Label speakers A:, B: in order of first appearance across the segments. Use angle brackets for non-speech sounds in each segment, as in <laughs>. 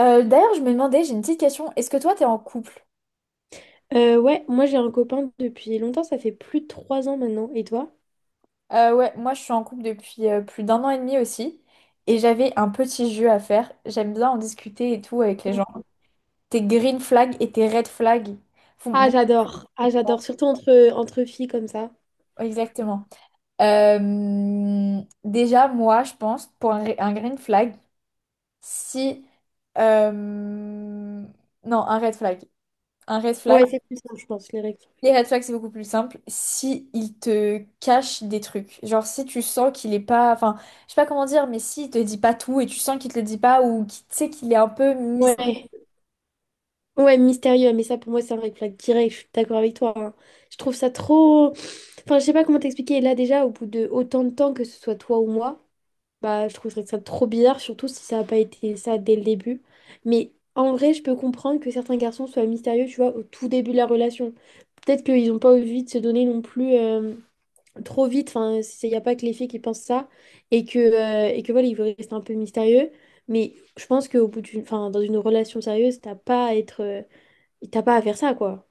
A: D'ailleurs, je me demandais, j'ai une petite question. Est-ce que toi, t'es en couple?
B: Ouais, moi j'ai un copain depuis longtemps, ça fait plus de 3 ans maintenant. Et toi?
A: Ouais, moi, je suis en couple depuis plus d'un an et demi aussi. Et j'avais un petit jeu à faire. J'aime bien en discuter et tout avec les gens. Tes green flags et tes red flags.
B: Ah,
A: Bon,
B: j'adore. Ah, j'adore. Surtout entre filles comme ça.
A: exactement. Déjà, moi, je pense, pour un green flag, si... non, un red flag. Un red flag.
B: Ouais, c'est plus simple, je pense, les règles.
A: Les red flags, c'est beaucoup plus simple si il te cache des trucs. Genre, si tu sens qu'il est pas. Enfin, je sais pas comment dire, mais s'il te dit pas tout et tu sens qu'il te le dit pas ou qu'il tu sais qu'il est un peu mis.
B: Ouais. Ouais, mystérieux. Mais ça, pour moi, c'est un red flag direct. Je suis d'accord avec toi, hein. Je trouve ça trop. Enfin, je sais pas comment t'expliquer. Là, déjà, au bout de autant de temps, que ce soit toi ou moi, bah, je trouverais ça trop bizarre, surtout si ça n'a pas été ça dès le début. Mais en vrai, je peux comprendre que certains garçons soient mystérieux, tu vois, au tout début de la relation. Peut-être qu'ils n'ont pas envie de se donner non plus trop vite. Enfin, il n'y a pas que les filles qui pensent ça. Et que voilà, ils veulent rester un peu mystérieux. Mais je pense qu'au bout d'une, enfin, dans une relation sérieuse, t'as pas à faire ça, quoi.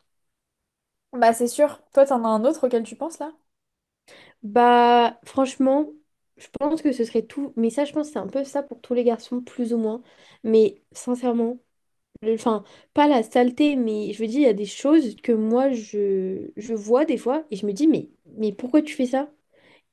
A: Bah, c'est sûr. Toi, t'en as un autre auquel tu penses là?
B: Bah, franchement, je pense que ce serait tout. Mais ça, je pense que c'est un peu ça pour tous les garçons, plus ou moins. Mais sincèrement. Enfin, pas la saleté, mais je veux dire, il y a des choses que moi, je vois des fois et je me dis, mais pourquoi tu fais ça?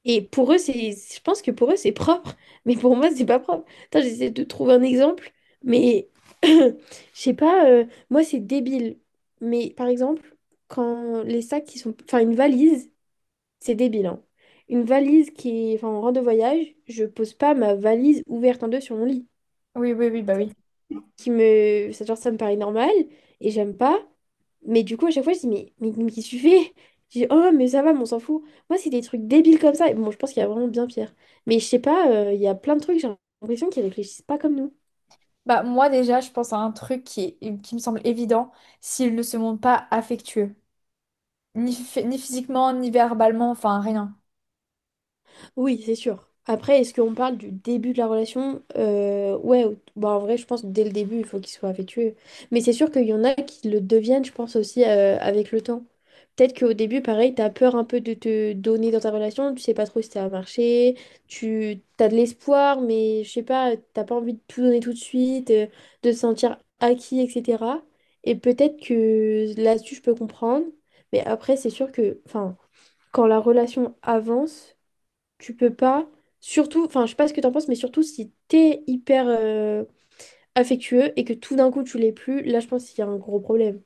B: Et pour eux, je pense que pour eux, c'est propre, <laughs> mais pour moi, c'est pas propre. Attends, j'essaie de trouver un exemple, mais <clears throat> je sais pas, moi, c'est débile. Mais par exemple, quand les sacs qui sont. Enfin, une valise, c'est débile, hein. Une valise qui est enfin, en rang de voyage, je pose pas ma valise ouverte en deux sur mon lit
A: Oui, oui, oui.
B: qui me. Ça, genre, ça me paraît normal et j'aime pas. Mais du coup, à chaque fois, je dis, mais qu'est-ce que tu fais? Je dis, oh, mais ça va, mais on s'en fout. Moi, c'est des trucs débiles comme ça. Et bon, je pense qu'il y a vraiment bien pire. Mais je sais pas, il y a plein de trucs, j'ai l'impression qu'ils réfléchissent pas comme nous.
A: Bah, moi, déjà, je pense à un truc qui me semble évident s'il ne se montre pas affectueux. Ni, ni physiquement, ni verbalement, enfin, rien.
B: Oui, c'est sûr. Après, est-ce qu'on parle du début de la relation? Ouais, bah, en vrai, je pense que dès le début, il faut qu'il soit affectueux. Mais c'est sûr qu'il y en a qui le deviennent, je pense aussi, avec le temps. Peut-être qu'au début, pareil, t'as peur un peu de te donner dans ta relation, tu sais pas trop si ça va marcher, tu t'as de l'espoir, mais je sais pas, t'as pas envie de tout donner tout de suite, de te sentir acquis, etc. Et peut-être que là-dessus, je peux comprendre. Mais après, c'est sûr que, enfin, quand la relation avance, tu peux pas, surtout, enfin, je sais pas ce que t'en penses, mais surtout si t'es hyper affectueux et que tout d'un coup tu l'es plus, là, je pense qu'il y a un gros problème.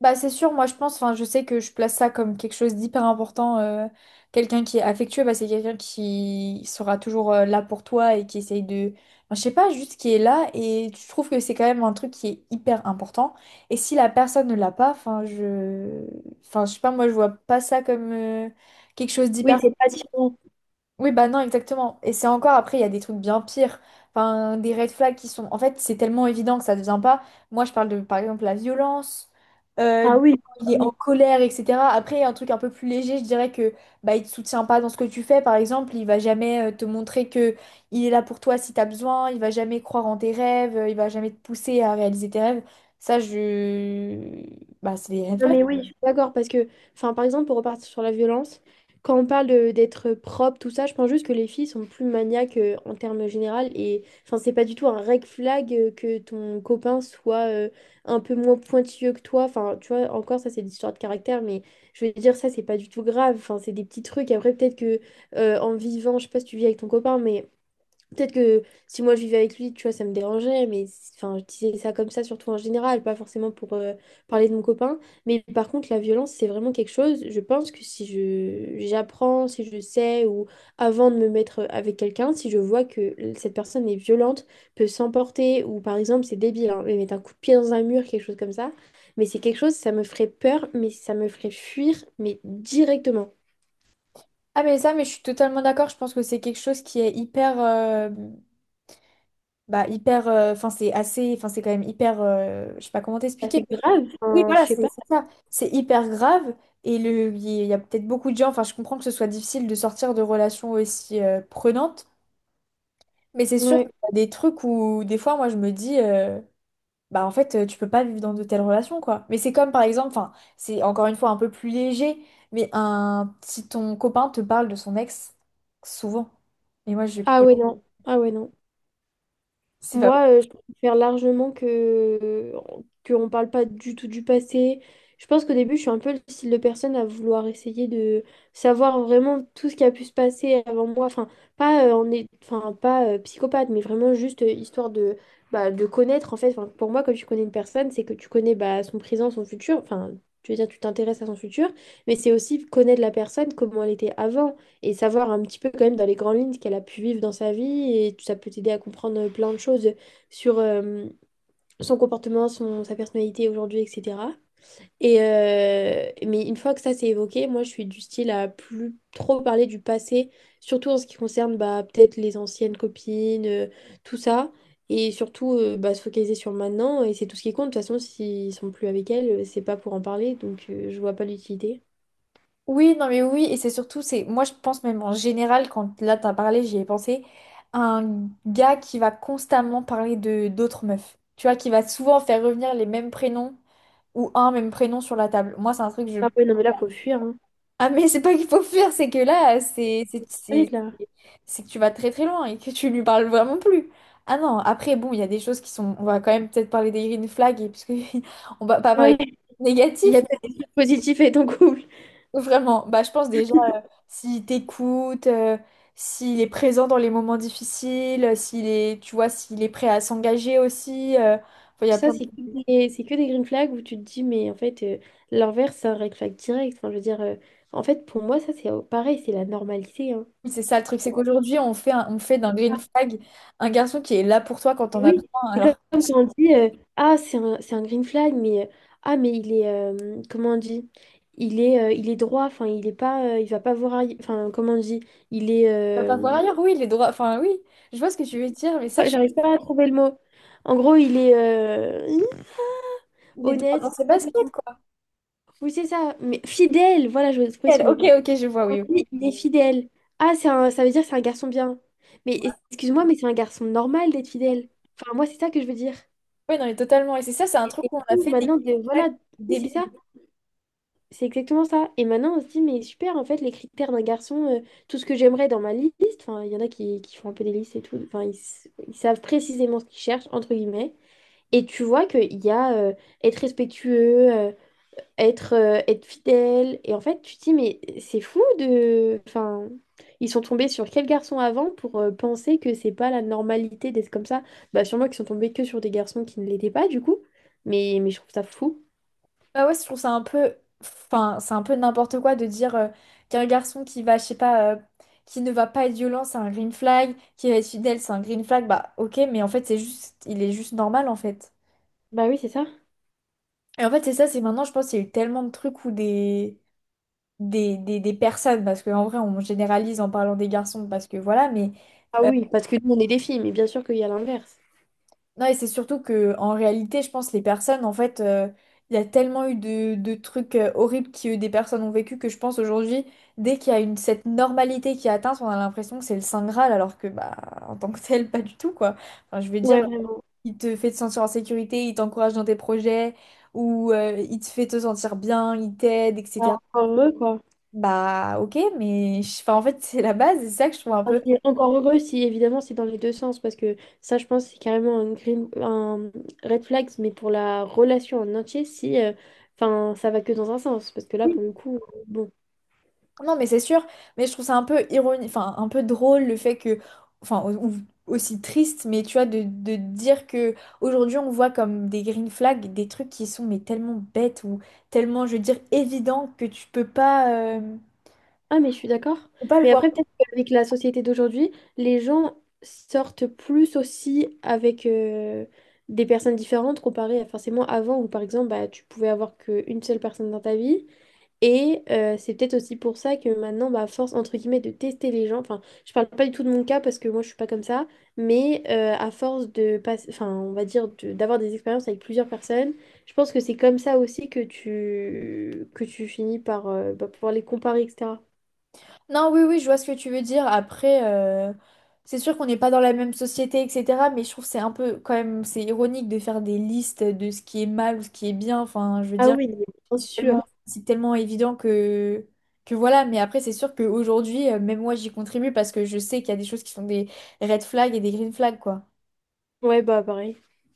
A: Bah, c'est sûr, moi je pense, enfin je sais que je place ça comme quelque chose d'hyper important. Quelqu'un qui est affectueux, bah, c'est quelqu'un qui sera toujours là pour toi et qui essaye de. Enfin, je sais pas, juste qui est là et je trouve que c'est quand même un truc qui est hyper important. Et si la personne ne l'a pas, Enfin, je sais pas, moi je vois pas ça comme quelque chose d'hyper.
B: Oui, c'est pas attirant.
A: Oui, bah non, exactement. Et c'est encore après, il y a des trucs bien pires. Enfin, des red flags qui sont. En fait, c'est tellement évident que ça ne devient pas. Moi, je parle de, par exemple, la violence, euh,
B: Ah oui, ah
A: il est en
B: oui.
A: colère, etc. Après, il y a un truc un peu plus léger, je dirais que bah, il te soutient pas dans ce que tu fais, par exemple. Il va jamais te montrer que il est là pour toi si tu as besoin. Il va jamais croire en tes rêves. Il va jamais te pousser à réaliser tes rêves. Ça, je. Bah, c'est des red
B: Non,
A: flags.
B: mais oui, je suis d'accord, parce que, enfin, par exemple, pour repartir sur la violence, quand on parle d'être propre, tout ça, je pense juste que les filles sont plus maniaques en termes général, et enfin, c'est pas du tout un red flag que ton copain soit un peu moins pointilleux que toi, enfin, tu vois, encore, ça, c'est des histoires de caractère, mais je veux dire, ça, c'est pas du tout grave, enfin, c'est des petits trucs, après, peut-être que en vivant, je sais pas si tu vis avec ton copain, mais peut-être que si moi je vivais avec lui, tu vois, ça me dérangerait, mais enfin, je disais ça comme ça, surtout en général, pas forcément pour parler de mon copain. Mais par contre, la violence, c'est vraiment quelque chose, je pense que si je j'apprends, si je sais, ou avant de me mettre avec quelqu'un, si je vois que cette personne est violente, peut s'emporter, ou par exemple, c'est débile, hein, mais mettre un coup de pied dans un mur, quelque chose comme ça, mais c'est quelque chose, ça me ferait peur, mais ça me ferait fuir, mais directement.
A: Ah, mais ça, mais je suis totalement d'accord. Je pense que c'est quelque chose qui est hyper. Bah, hyper, enfin, c'est assez, enfin, c'est quand même hyper, je sais pas comment
B: Ah, c'est
A: t'expliquer. Mais
B: grave,
A: oui,
B: enfin, je
A: voilà,
B: sais
A: c'est
B: pas.
A: c'est ça. C'est hyper grave. Et le, il y a peut-être beaucoup de gens, enfin, je comprends que ce soit difficile de sortir de relations aussi prenantes, mais c'est sûr qu'il
B: Ouais.
A: y a des trucs où, des fois, moi, je me dis, bah, en fait, tu peux pas vivre dans de telles relations, quoi. Mais c'est comme, par exemple, enfin, c'est encore une fois un peu plus léger, mais un, si ton copain te parle de son ex, souvent. Et moi, je,
B: Ah ouais, non. Ah ouais, non.
A: c'est
B: Moi, je préfère largement que qu'on parle pas du tout du passé. Je pense qu'au début, je suis un peu le style de personne à vouloir essayer de savoir vraiment tout ce qui a pu se passer avant moi. Enfin, pas en est, enfin pas psychopathe, mais vraiment juste histoire de connaître en fait. Enfin, pour moi, quand tu connais une personne, c'est que tu connais bah, son présent, son futur. Enfin, tu veux dire, tu t'intéresses à son futur, mais c'est aussi connaître la personne, comment elle était avant et savoir un petit peu quand même dans les grandes lignes ce qu'elle a pu vivre dans sa vie et ça peut t'aider à comprendre plein de choses sur son comportement, sa personnalité aujourd'hui, etc. Et mais une fois que ça s'est évoqué, moi je suis du style à plus trop parler du passé, surtout en ce qui concerne bah, peut-être les anciennes copines, tout ça, et surtout bah, se focaliser sur le maintenant, et c'est tout ce qui compte. De toute façon, s'ils sont plus avec elle, c'est pas pour en parler, donc je vois pas l'utilité.
A: Oui, non mais oui, et c'est surtout, c'est moi je pense même en général, quand là t'as parlé, j'y ai pensé, un gars qui va constamment parler de d'autres meufs, tu vois, qui va souvent faire revenir les mêmes prénoms ou un même prénom sur la table. Moi c'est un truc, je...
B: Ah ouais, non mais là, faut fuir, hein.
A: Ah mais c'est pas qu'il faut fuir, c'est que là,
B: Ah oui, là.
A: c'est que tu vas très très loin et que tu lui parles vraiment plus. Ah non, après bon, il y a des choses qui sont... On va quand même peut-être parler des green flags, parce que <laughs> on va pas parler
B: Ouais. Il y a
A: négatif,
B: peut-être des trucs positifs avec ton couple.
A: vraiment, bah, je pense déjà, s'il t'écoute, s'il est présent dans les moments difficiles, s'il est, tu vois, s'il est prêt à s'engager aussi, enfin, il y a
B: Ça,
A: plein de...
B: c'est que des, c'est que des green flags où tu te dis, mais en fait, l'inverse, c'est un red flag direct. Enfin, je veux dire, en fait, pour moi, ça, c'est pareil, c'est la normalité, hein.
A: C'est ça le truc, c'est qu'aujourd'hui, on fait d'un green
B: Ah,
A: flag un garçon qui est là pour toi quand on a
B: oui,
A: besoin.
B: c'est
A: Alors,
B: comme quand on dit, ah, c'est un green flag, mais, ah, mais il est, comment on dit? Il est droit, enfin, il est pas, il va pas voir, enfin, comment on dit? Il est,
A: tu vas pas voir ailleurs, oui, les droits, enfin oui, je vois ce que tu veux dire, mais
B: ouais,
A: sache
B: j'arrive pas à trouver le mot. En gros, il est
A: il est droit dans
B: honnête, non,
A: ses
B: pas du.
A: baskets, quoi.
B: Oui, c'est ça. Mais fidèle, voilà, je trouvé
A: Elle,
B: ce
A: ok,
B: mot.
A: ok, je vois, oui.
B: Oui, il est fidèle. Ah, ça veut dire que c'est un garçon bien. Mais
A: Oui,
B: excuse-moi, mais c'est un garçon normal d'être fidèle. Enfin, moi, c'est ça que je veux dire.
A: ouais, non, mais totalement. Et c'est ça, c'est un
B: Et
A: truc
B: c'est
A: où on a
B: fou,
A: fait des green
B: maintenant de
A: flags
B: voilà, oui, c'est
A: débile.
B: ça, c'est exactement ça. Et maintenant, on se dit, mais super, en fait, les critères d'un garçon, tout ce que j'aimerais dans ma liste, enfin, il y en a qui font un peu des listes et tout, enfin, ils savent précisément ce qu'ils cherchent, entre guillemets. Et tu vois qu'il y a être respectueux, être fidèle. Et en fait, tu te dis, mais c'est fou de. Enfin, ils sont tombés sur quel garçon avant pour penser que c'est pas la normalité d'être comme ça? Bah, sûrement qu'ils sont tombés que sur des garçons qui ne l'étaient pas, du coup. Mais je trouve ça fou.
A: Bah ouais, je trouve ça un peu, enfin, c'est un peu n'importe quoi de dire qu'un garçon qui va, je sais pas, qui ne va pas être violent, c'est un green flag, qui va être fidèle, c'est un green flag, bah ok, mais en fait, c'est juste, il est juste normal en fait.
B: Bah oui, c'est ça.
A: Et en fait, c'est ça, c'est maintenant, je pense qu'il y a eu tellement de trucs où des personnes, parce qu'en vrai, on généralise en parlant des garçons, parce que voilà, mais.
B: Ah oui, parce que nous, on est des filles, mais bien sûr qu'il y a l'inverse.
A: Non, et c'est surtout que en réalité, je pense les personnes, en fait, il y a tellement eu de trucs horribles que des personnes ont vécu que je pense aujourd'hui, dès qu'il y a une, cette normalité qui est atteinte, on a l'impression que c'est le Saint Graal, alors que bah en tant que <laughs> tel, pas du tout, quoi. Enfin, je veux dire,
B: Ouais, vraiment.
A: il te fait te sentir en sécurité, il t'encourage dans tes projets, ou il te fait te sentir bien, il t'aide,
B: Bah,
A: etc.
B: encore heureux, quoi.
A: Bah ok, mais enfin, en fait, c'est la base, et c'est ça que je trouve un
B: Enfin,
A: peu.
B: je suis encore heureux si évidemment c'est dans les deux sens parce que ça je pense c'est carrément un red flag mais pour la relation en entier si enfin ça va que dans un sens parce que là pour le coup bon.
A: Non, mais c'est sûr, mais je trouve ça un peu ironique, enfin un peu drôle le fait que, enfin, ou aussi triste, mais tu vois, de dire que aujourd'hui on voit comme des green flags des trucs qui sont mais tellement bêtes ou tellement, je veux dire, évidents que tu
B: Ah, mais je suis d'accord.
A: peux pas le
B: Mais
A: voir.
B: après, peut-être qu'avec la société d'aujourd'hui, les gens sortent plus aussi avec des personnes différentes comparé à forcément avant où par exemple bah, tu pouvais avoir qu'une seule personne dans ta vie. Et c'est peut-être aussi pour ça que maintenant, bah, à force, entre guillemets, de tester les gens, enfin, je parle pas du tout de mon cas parce que moi, je suis pas comme ça, mais à force de passer, enfin, on va dire, d'avoir des expériences avec plusieurs personnes, je pense que c'est comme ça aussi que que tu finis par bah, pouvoir les comparer, etc.
A: Non, oui, oui, je vois ce que tu veux dire. Après, c'est sûr qu'on n'est pas dans la même société, etc., mais je trouve que c'est un peu quand même, c'est ironique de faire des listes de ce qui est mal ou ce qui est bien, enfin, je veux
B: Ah
A: dire.
B: oui, bien sûr.
A: Tellement, c'est tellement évident que voilà. Mais après, c'est sûr qu'aujourd'hui, même moi, j'y contribue parce que je sais qu'il y a des choses qui sont des red flags et des green flags, quoi.
B: Ouais, bah pareil.